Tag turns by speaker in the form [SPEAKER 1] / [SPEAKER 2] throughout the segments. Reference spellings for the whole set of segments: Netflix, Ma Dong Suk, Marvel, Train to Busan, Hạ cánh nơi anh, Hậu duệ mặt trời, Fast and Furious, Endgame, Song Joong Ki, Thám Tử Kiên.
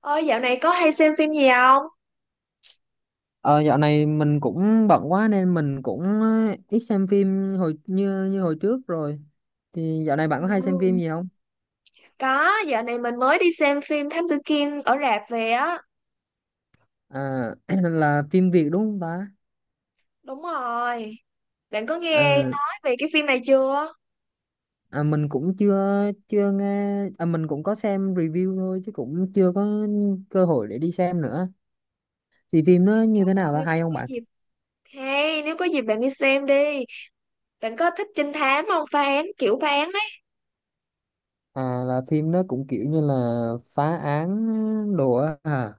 [SPEAKER 1] Ơi dạo này có hay xem phim gì không?
[SPEAKER 2] Ờ, Dạo này mình cũng bận quá nên mình cũng ít xem phim hồi như như hồi trước rồi. Thì dạo này bạn có hay xem phim
[SPEAKER 1] Ừ,
[SPEAKER 2] gì không?
[SPEAKER 1] Có, dạo này mình mới đi xem phim Thám Tử Kiên ở rạp về á.
[SPEAKER 2] À, là phim Việt đúng không ta?
[SPEAKER 1] Đúng rồi. Bạn có nghe
[SPEAKER 2] Ờ,
[SPEAKER 1] nói về cái phim này chưa?
[SPEAKER 2] mình cũng chưa chưa nghe à, mình cũng có xem review thôi chứ cũng chưa có cơ hội để đi xem nữa. Thì phim nó
[SPEAKER 1] Trời
[SPEAKER 2] như thế nào, là
[SPEAKER 1] ơi,
[SPEAKER 2] hay
[SPEAKER 1] nếu
[SPEAKER 2] không
[SPEAKER 1] có
[SPEAKER 2] bạn?
[SPEAKER 1] nếu có dịp bạn đi xem đi. Bạn có thích trinh thám không? Phá án, kiểu phá án ấy.
[SPEAKER 2] À, là phim nó cũng kiểu như là phá án đồ á à,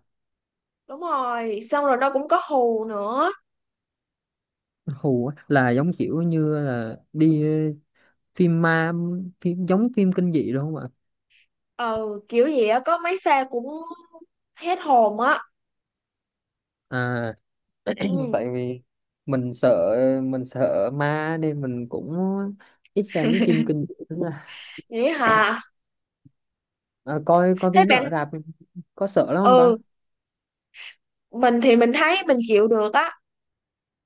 [SPEAKER 1] Đúng rồi, xong rồi nó cũng có hù nữa.
[SPEAKER 2] hù á. Là giống kiểu như là đi phim ma, phim giống phim kinh dị đúng không ạ?
[SPEAKER 1] Ừ, kiểu gì á, có mấy pha cũng hết hồn á.
[SPEAKER 2] À,
[SPEAKER 1] Ừ.
[SPEAKER 2] tại vì mình sợ mình sợ ma nên mình cũng ít xem mấy phim kinh dị lắm à,
[SPEAKER 1] Vậy hả?
[SPEAKER 2] à, coi coi
[SPEAKER 1] Thế
[SPEAKER 2] phim nó
[SPEAKER 1] bạn,
[SPEAKER 2] ở rạp có sợ lắm không ta,
[SPEAKER 1] ừ, mình thì mình thấy mình chịu được á.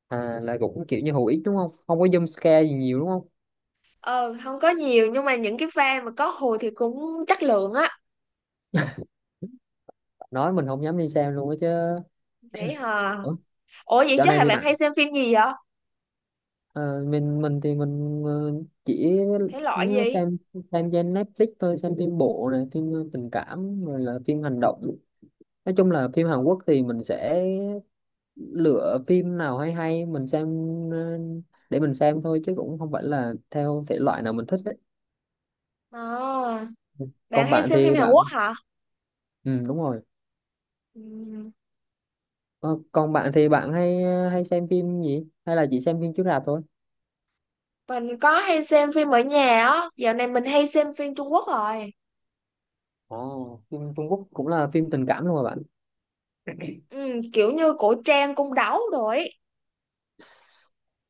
[SPEAKER 2] à là cũng kiểu như hữu ích đúng không, không có jump scare gì nhiều đúng không,
[SPEAKER 1] Ờ, không có nhiều nhưng mà những cái pha mà có hồi thì cũng chất lượng á.
[SPEAKER 2] nói mình không dám đi xem luôn á chứ.
[SPEAKER 1] Vậy hả?
[SPEAKER 2] Ủa,
[SPEAKER 1] Ủa vậy
[SPEAKER 2] dạo
[SPEAKER 1] chứ
[SPEAKER 2] này
[SPEAKER 1] hả
[SPEAKER 2] thì
[SPEAKER 1] bạn
[SPEAKER 2] bạn
[SPEAKER 1] hay xem phim gì vậy?
[SPEAKER 2] mình thì mình ờ, chỉ
[SPEAKER 1] Thể loại
[SPEAKER 2] nhớ
[SPEAKER 1] gì?
[SPEAKER 2] xem trên Netflix thôi, xem phim bộ này, phim tình cảm rồi là phim hành động, nói chung là phim Hàn Quốc thì mình sẽ lựa phim nào hay hay mình xem, ờ, để mình xem thôi chứ cũng không phải là theo thể loại nào mình thích đấy.
[SPEAKER 1] À, bạn
[SPEAKER 2] Còn
[SPEAKER 1] hay
[SPEAKER 2] bạn
[SPEAKER 1] xem phim
[SPEAKER 2] thì
[SPEAKER 1] Hàn Quốc
[SPEAKER 2] bạn,
[SPEAKER 1] hả?
[SPEAKER 2] ừ đúng rồi.
[SPEAKER 1] Ừ.
[SPEAKER 2] Ờ, còn bạn thì bạn hay hay xem phim gì, hay là chỉ xem phim chiếu rạp thôi?
[SPEAKER 1] Mình có hay xem phim ở nhà á. Dạo này mình hay xem phim Trung Quốc rồi.
[SPEAKER 2] Ồ, phim Trung Quốc cũng là phim tình cảm luôn mà bạn.
[SPEAKER 1] Ừ, kiểu như cổ trang cung đấu rồi. Ấy.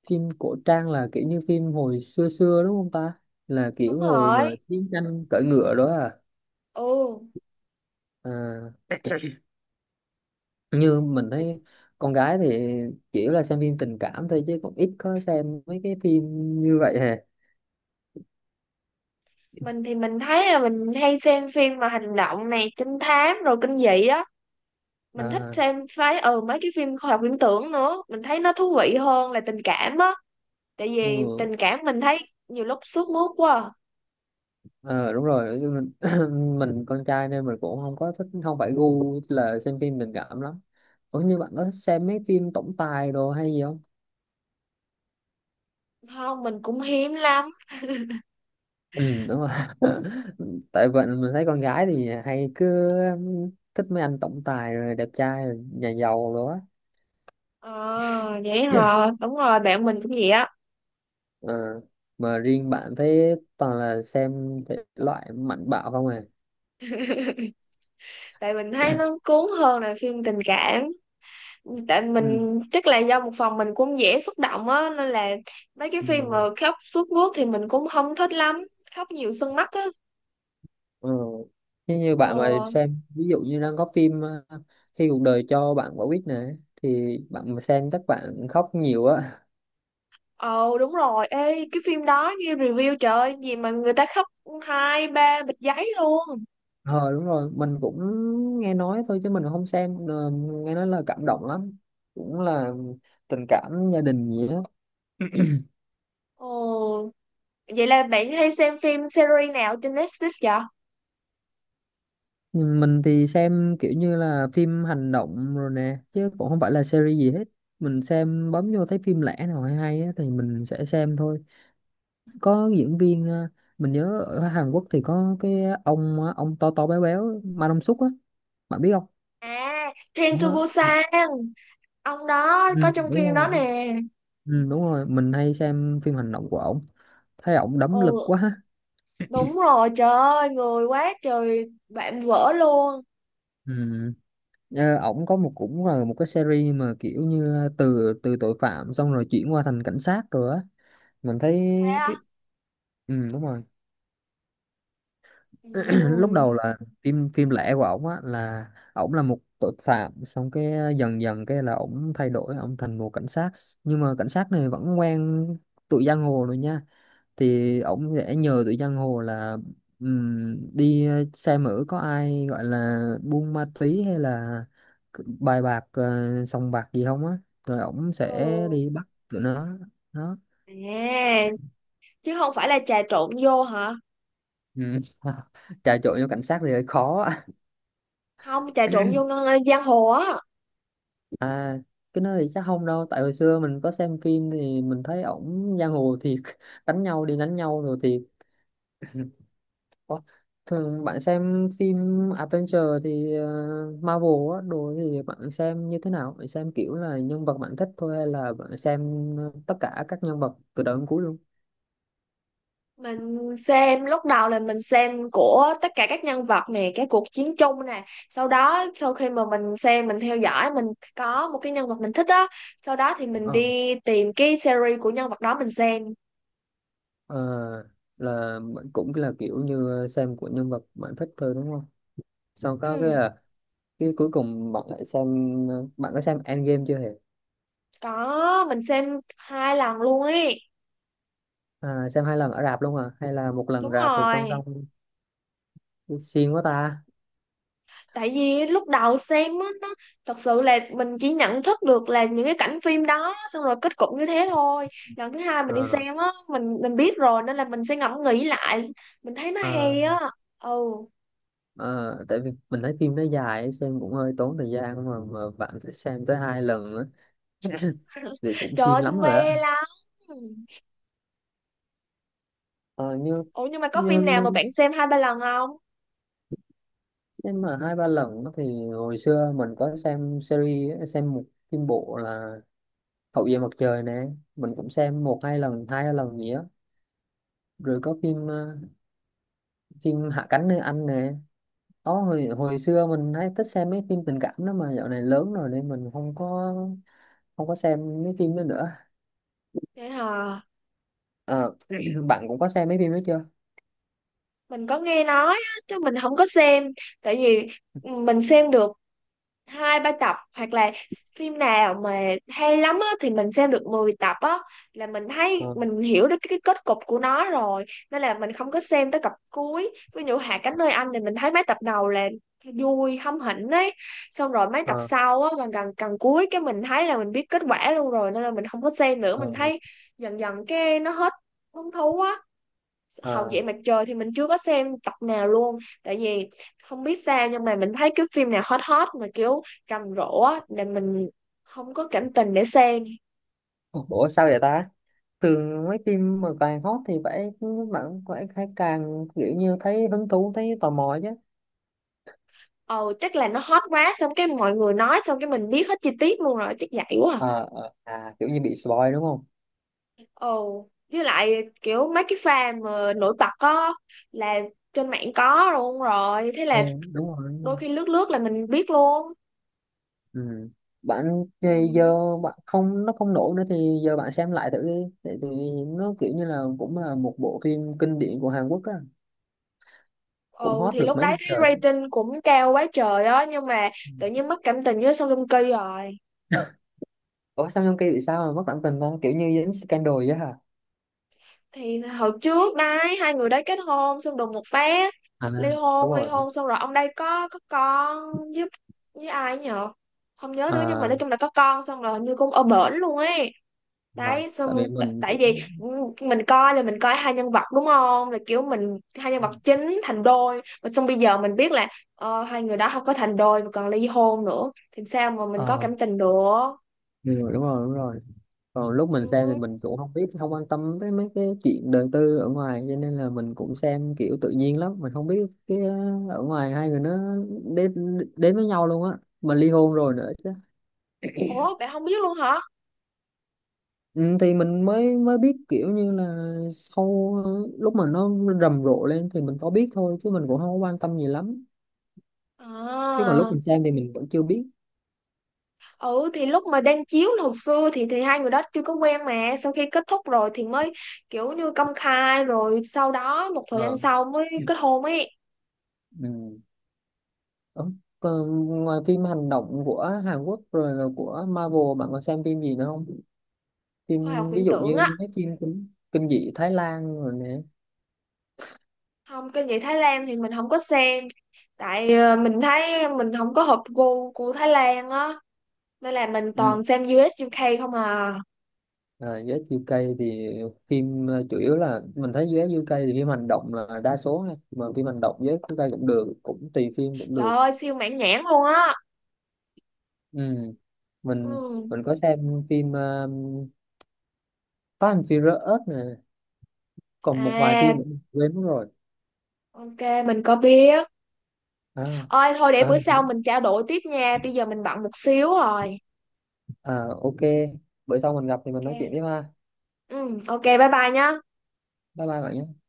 [SPEAKER 2] Phim cổ trang là kiểu như phim hồi xưa xưa đúng không ta, là
[SPEAKER 1] Đúng
[SPEAKER 2] kiểu hồi mà
[SPEAKER 1] rồi.
[SPEAKER 2] chiến tranh cưỡi ngựa đó à,
[SPEAKER 1] Ừ.
[SPEAKER 2] à như mình thấy con gái thì kiểu là xem phim tình cảm thôi chứ cũng ít có xem mấy cái phim như vậy hè.
[SPEAKER 1] Mình thì mình thấy là mình hay xem phim mà hành động này, trinh thám rồi kinh dị á. Mình thích
[SPEAKER 2] À,
[SPEAKER 1] xem phái mấy cái phim khoa học viễn tưởng nữa, mình thấy nó thú vị hơn là tình cảm á. Tại vì
[SPEAKER 2] ừ,
[SPEAKER 1] tình cảm mình thấy nhiều lúc sướt mướt quá à.
[SPEAKER 2] ờ, đúng rồi. Chứ mình, mình con trai nên mình cũng không có thích, không phải gu là xem phim tình cảm lắm. Ủa như bạn có thích xem mấy phim tổng tài đồ hay gì không?
[SPEAKER 1] Không mình cũng hiếm lắm.
[SPEAKER 2] Ừ đúng rồi. Tại vậy mình thấy con gái thì hay cứ thích mấy anh tổng tài rồi đẹp trai rồi nhà giàu rồi á.
[SPEAKER 1] Ờ vậy hả, đúng rồi bạn mình cũng vậy á.
[SPEAKER 2] Ờ, mà riêng bạn thấy toàn là xem thể loại mạnh bạo không à.
[SPEAKER 1] Tại mình thấy nó cuốn hơn là phim tình cảm. Tại
[SPEAKER 2] Ừ.
[SPEAKER 1] mình chắc là do một phần mình cũng dễ xúc động á nên là mấy cái phim mà
[SPEAKER 2] Ừ.
[SPEAKER 1] khóc sướt mướt thì mình cũng không thích lắm. Khóc nhiều sưng mắt á.
[SPEAKER 2] Ừ. Thế như bạn mà
[SPEAKER 1] ờ
[SPEAKER 2] xem ví dụ như đang có phim khi cuộc đời cho bạn quả quýt nè, thì bạn mà xem chắc bạn khóc nhiều á.
[SPEAKER 1] Ờ đúng rồi, ê cái phim đó nghe review trời ơi, gì mà người ta khóc hai ba bịch giấy luôn.
[SPEAKER 2] Ờ đúng rồi, mình cũng nghe nói thôi chứ mình không xem. Ờ, nghe nói là cảm động lắm, cũng là tình cảm gia đình gì á.
[SPEAKER 1] Ồ, vậy là bạn hay xem phim series nào trên Netflix vậy?
[SPEAKER 2] Mình thì xem kiểu như là phim hành động rồi nè, chứ cũng không phải là series gì hết. Mình xem bấm vô thấy phim lẻ nào hay hay á, thì mình sẽ xem thôi. Có diễn viên à, mình nhớ ở Hàn Quốc thì có cái ông á, ông to to béo béo Ma Dong Suk á, bạn biết không?
[SPEAKER 1] À, Train to
[SPEAKER 2] Đó.
[SPEAKER 1] Busan, ông đó có
[SPEAKER 2] Ừ,
[SPEAKER 1] trong
[SPEAKER 2] đúng
[SPEAKER 1] phim đó
[SPEAKER 2] rồi,
[SPEAKER 1] nè.
[SPEAKER 2] ừ, đúng rồi mình hay xem phim hành động của ổng, thấy ổng đấm lực
[SPEAKER 1] Ồ
[SPEAKER 2] quá.
[SPEAKER 1] đúng rồi, trời ơi, người quá trời bạn vỡ luôn.
[SPEAKER 2] Ừ. Ờ, ổng có một, cũng là một cái series mà kiểu như à, từ từ tội phạm xong rồi chuyển qua thành cảnh sát rồi á, mình thấy
[SPEAKER 1] Thế
[SPEAKER 2] cái,
[SPEAKER 1] à?
[SPEAKER 2] ừ, đúng rồi. Lúc
[SPEAKER 1] Ừ.
[SPEAKER 2] đầu là phim phim lẻ của ổng á, là ổng là một tội phạm xong cái dần dần cái là ổng thay đổi ổng thành một cảnh sát, nhưng mà cảnh sát này vẫn quen tụi giang hồ rồi nha, thì ổng sẽ nhờ tụi giang hồ là đi xem thử có ai gọi là buôn ma túy hay là bài bạc sòng bạc gì không á, rồi ổng sẽ
[SPEAKER 1] Ừ.
[SPEAKER 2] đi bắt tụi nó, đó.
[SPEAKER 1] À, chứ không phải là trà trộn vô hả?
[SPEAKER 2] Ừ. Trà trộn vô cảnh sát thì hơi khó.
[SPEAKER 1] Không, trà trộn vô ngân- giang hồ á.
[SPEAKER 2] À cái đó thì chắc không đâu, tại hồi xưa mình có xem phim thì mình thấy ổng giang hồ thiệt, đánh nhau đi đánh nhau rồi thiệt. Ủa, thường bạn xem phim adventure thì Marvel á đồ thì bạn xem như thế nào, bạn xem kiểu là nhân vật bạn thích thôi hay là bạn xem tất cả các nhân vật từ đầu đến cuối luôn?
[SPEAKER 1] Mình xem Lúc đầu là mình xem của tất cả các nhân vật nè, cái cuộc chiến chung nè, sau đó sau khi mà mình xem mình theo dõi, có một cái nhân vật mình thích á, sau đó thì mình
[SPEAKER 2] Ờ,
[SPEAKER 1] đi tìm cái series của nhân vật đó mình xem.
[SPEAKER 2] ờ, là bạn cũng là kiểu như xem của nhân vật bạn thích thôi đúng không, sau có cái
[SPEAKER 1] Ừ
[SPEAKER 2] là cái cuối cùng bạn lại xem, bạn có xem Endgame chưa hề?
[SPEAKER 1] có, mình xem hai lần luôn ấy.
[SPEAKER 2] À, xem hai lần ở rạp luôn à hay là một lần
[SPEAKER 1] Đúng
[SPEAKER 2] rạp rồi xong
[SPEAKER 1] rồi,
[SPEAKER 2] xong, xiên quá ta.
[SPEAKER 1] tại vì lúc đầu xem á nó thật sự là mình chỉ nhận thức được là những cái cảnh phim đó xong rồi kết cục như thế thôi. Lần thứ hai mình đi
[SPEAKER 2] Ờ,
[SPEAKER 1] xem á, mình biết rồi nên là mình sẽ ngẫm nghĩ lại, mình thấy nó
[SPEAKER 2] ờ,
[SPEAKER 1] hay á. Ừ.
[SPEAKER 2] ờ, Tại vì mình thấy phim nó dài xem cũng hơi tốn thời gian mà bạn phải xem tới hai lần nữa thì cũng
[SPEAKER 1] Trời
[SPEAKER 2] xiên
[SPEAKER 1] ơi tôi
[SPEAKER 2] lắm rồi á.
[SPEAKER 1] mê lắm.
[SPEAKER 2] Ờ, như
[SPEAKER 1] Ủa nhưng mà có
[SPEAKER 2] như,
[SPEAKER 1] phim nào mà bạn xem hai ba lần không?
[SPEAKER 2] nhưng mà hai ba lần á thì hồi xưa mình có xem series á, xem một phim bộ là Hậu duệ mặt trời nè, mình cũng xem một hai lần, hai lần gì á, rồi có phim phim Hạ cánh nơi anh nè. Có hồi hồi xưa mình hay thích xem mấy phim tình cảm đó mà dạo này lớn rồi nên mình không có xem mấy phim đó nữa.
[SPEAKER 1] Vậy hả?
[SPEAKER 2] Ờ, bạn cũng có xem mấy phim đó chưa?
[SPEAKER 1] Mình có nghe nói á, chứ mình không có xem. Tại vì mình xem được hai ba tập hoặc là phim nào mà hay lắm á, thì mình xem được 10 tập á, là mình thấy
[SPEAKER 2] Ờ,
[SPEAKER 1] mình hiểu được cái kết cục của nó rồi, nên là mình không có xem tới tập cuối. Ví dụ Hạ cánh nơi anh thì mình thấy mấy tập đầu là vui hâm hỉnh ấy, xong rồi mấy tập
[SPEAKER 2] ờ,
[SPEAKER 1] sau á gần gần gần cuối cái mình thấy là mình biết kết quả luôn rồi nên là mình không có xem nữa,
[SPEAKER 2] ờ,
[SPEAKER 1] mình thấy dần dần cái nó hết hứng thú á. Hậu duệ
[SPEAKER 2] ờ.
[SPEAKER 1] mặt trời thì mình chưa có xem tập nào luôn. Tại vì không biết sao nhưng mà mình thấy cái phim nào hot hot mà kiểu rầm rộ á là mình không có cảm tình để xem.
[SPEAKER 2] Ủa sao vậy ta? Thường mấy phim mà càng hot thì phải bạn phải càng kiểu như thấy hứng thú thấy tò mò chứ.
[SPEAKER 1] Ồ chắc là nó hot quá xong cái mọi người nói xong cái mình biết hết chi tiết luôn rồi chắc vậy quá à.
[SPEAKER 2] Ờ, À kiểu như bị spoil đúng không?
[SPEAKER 1] Ồ với lại kiểu mấy cái pha mà nổi bật á là trên mạng có luôn rồi, thế
[SPEAKER 2] Ừ,
[SPEAKER 1] là
[SPEAKER 2] đúng rồi.
[SPEAKER 1] đôi khi lướt lướt là mình biết luôn.
[SPEAKER 2] Ừ. Bạn thì giờ
[SPEAKER 1] Ừ.
[SPEAKER 2] bạn không, nó không nổi nữa thì giờ bạn xem lại thử đi, tại vì nó kiểu như là cũng là một bộ phim kinh điển của Hàn Quốc á, cũng
[SPEAKER 1] Ừ
[SPEAKER 2] hot
[SPEAKER 1] thì
[SPEAKER 2] được
[SPEAKER 1] lúc
[SPEAKER 2] mấy
[SPEAKER 1] đấy
[SPEAKER 2] năm
[SPEAKER 1] thấy
[SPEAKER 2] trời á.
[SPEAKER 1] rating cũng cao quá trời á nhưng mà
[SPEAKER 2] Ừ.
[SPEAKER 1] tự nhiên mất cảm tình với Song Joong Ki rồi.
[SPEAKER 2] Ủa sao trong kia bị sao mà mất cảm tình ta, kiểu như dính scandal vậy hả?
[SPEAKER 1] Thì hồi trước đấy hai người đấy kết hôn xong đùng một phát
[SPEAKER 2] À
[SPEAKER 1] ly
[SPEAKER 2] đúng
[SPEAKER 1] hôn,
[SPEAKER 2] rồi.
[SPEAKER 1] xong rồi ông đây có con với với ai nhở? Không nhớ nữa nhưng mà
[SPEAKER 2] À,
[SPEAKER 1] nói chung là có con xong rồi hình như cũng ở bển luôn ấy.
[SPEAKER 2] à,
[SPEAKER 1] Đấy xong
[SPEAKER 2] tại vì mình
[SPEAKER 1] tại
[SPEAKER 2] cũng
[SPEAKER 1] vì mình coi là mình coi hai nhân vật đúng không, là kiểu mình hai nhân vật chính thành đôi mà xong bây giờ mình biết là hai người đó không có thành đôi mà còn ly hôn nữa thì sao mà mình có
[SPEAKER 2] ờ,
[SPEAKER 1] cảm tình được.
[SPEAKER 2] ừ, đúng rồi, còn lúc mình xem thì
[SPEAKER 1] Ừ.
[SPEAKER 2] mình cũng không biết, không quan tâm tới mấy cái chuyện đời tư ở ngoài, cho nên là mình cũng xem kiểu tự nhiên lắm, mình không biết cái ở ngoài hai người nó đến đến với nhau luôn á, mà ly hôn rồi nữa chứ.
[SPEAKER 1] Ủa bạn không biết luôn hả?
[SPEAKER 2] Ừ, thì mình mới mới biết kiểu như là sau lúc mà nó rầm rộ lên thì mình có biết thôi chứ mình cũng không có quan tâm gì lắm, chứ
[SPEAKER 1] À
[SPEAKER 2] còn lúc mình xem thì mình vẫn chưa biết.
[SPEAKER 1] ừ thì lúc mà đang chiếu là hồi xưa thì hai người đó chưa có quen mà sau khi kết thúc rồi thì mới kiểu như công khai rồi sau đó một thời gian
[SPEAKER 2] Ờ.
[SPEAKER 1] sau mới kết hôn ấy.
[SPEAKER 2] Ừ. Ờ, còn ngoài phim hành động của Hàn Quốc rồi là của Marvel, bạn có xem phim gì nữa không,
[SPEAKER 1] Khoa học
[SPEAKER 2] phim ví
[SPEAKER 1] viễn
[SPEAKER 2] dụ
[SPEAKER 1] tưởng á.
[SPEAKER 2] như mấy phim kinh dị Thái Lan rồi nè.
[SPEAKER 1] Không kinh dị Thái Lan thì mình không có xem. Tại mình thấy mình không có hợp gu của Thái Lan á nên là mình
[SPEAKER 2] Ừ.
[SPEAKER 1] toàn xem US UK không à.
[SPEAKER 2] Rồi US UK thì phim chủ yếu là mình thấy US UK thì phim hành động là đa số ha. Mà phim hành động US UK cũng được, cũng tùy phim cũng
[SPEAKER 1] Trời
[SPEAKER 2] được.
[SPEAKER 1] ơi siêu mãn nhãn luôn á.
[SPEAKER 2] Ừ. mình
[SPEAKER 1] Ừ.
[SPEAKER 2] mình có xem phim Fast and Furious nè, còn một vài phim
[SPEAKER 1] À
[SPEAKER 2] nữa mình quên mất rồi.
[SPEAKER 1] ok mình có biết.
[SPEAKER 2] À,
[SPEAKER 1] Ôi thôi để
[SPEAKER 2] à,
[SPEAKER 1] bữa sau mình trao đổi tiếp nha, bây giờ mình bận một xíu rồi.
[SPEAKER 2] à ok, bữa sau mình gặp thì mình nói
[SPEAKER 1] Ok
[SPEAKER 2] chuyện tiếp ha.
[SPEAKER 1] ừ ok bye bye nhá.
[SPEAKER 2] Bye bye bạn nhé.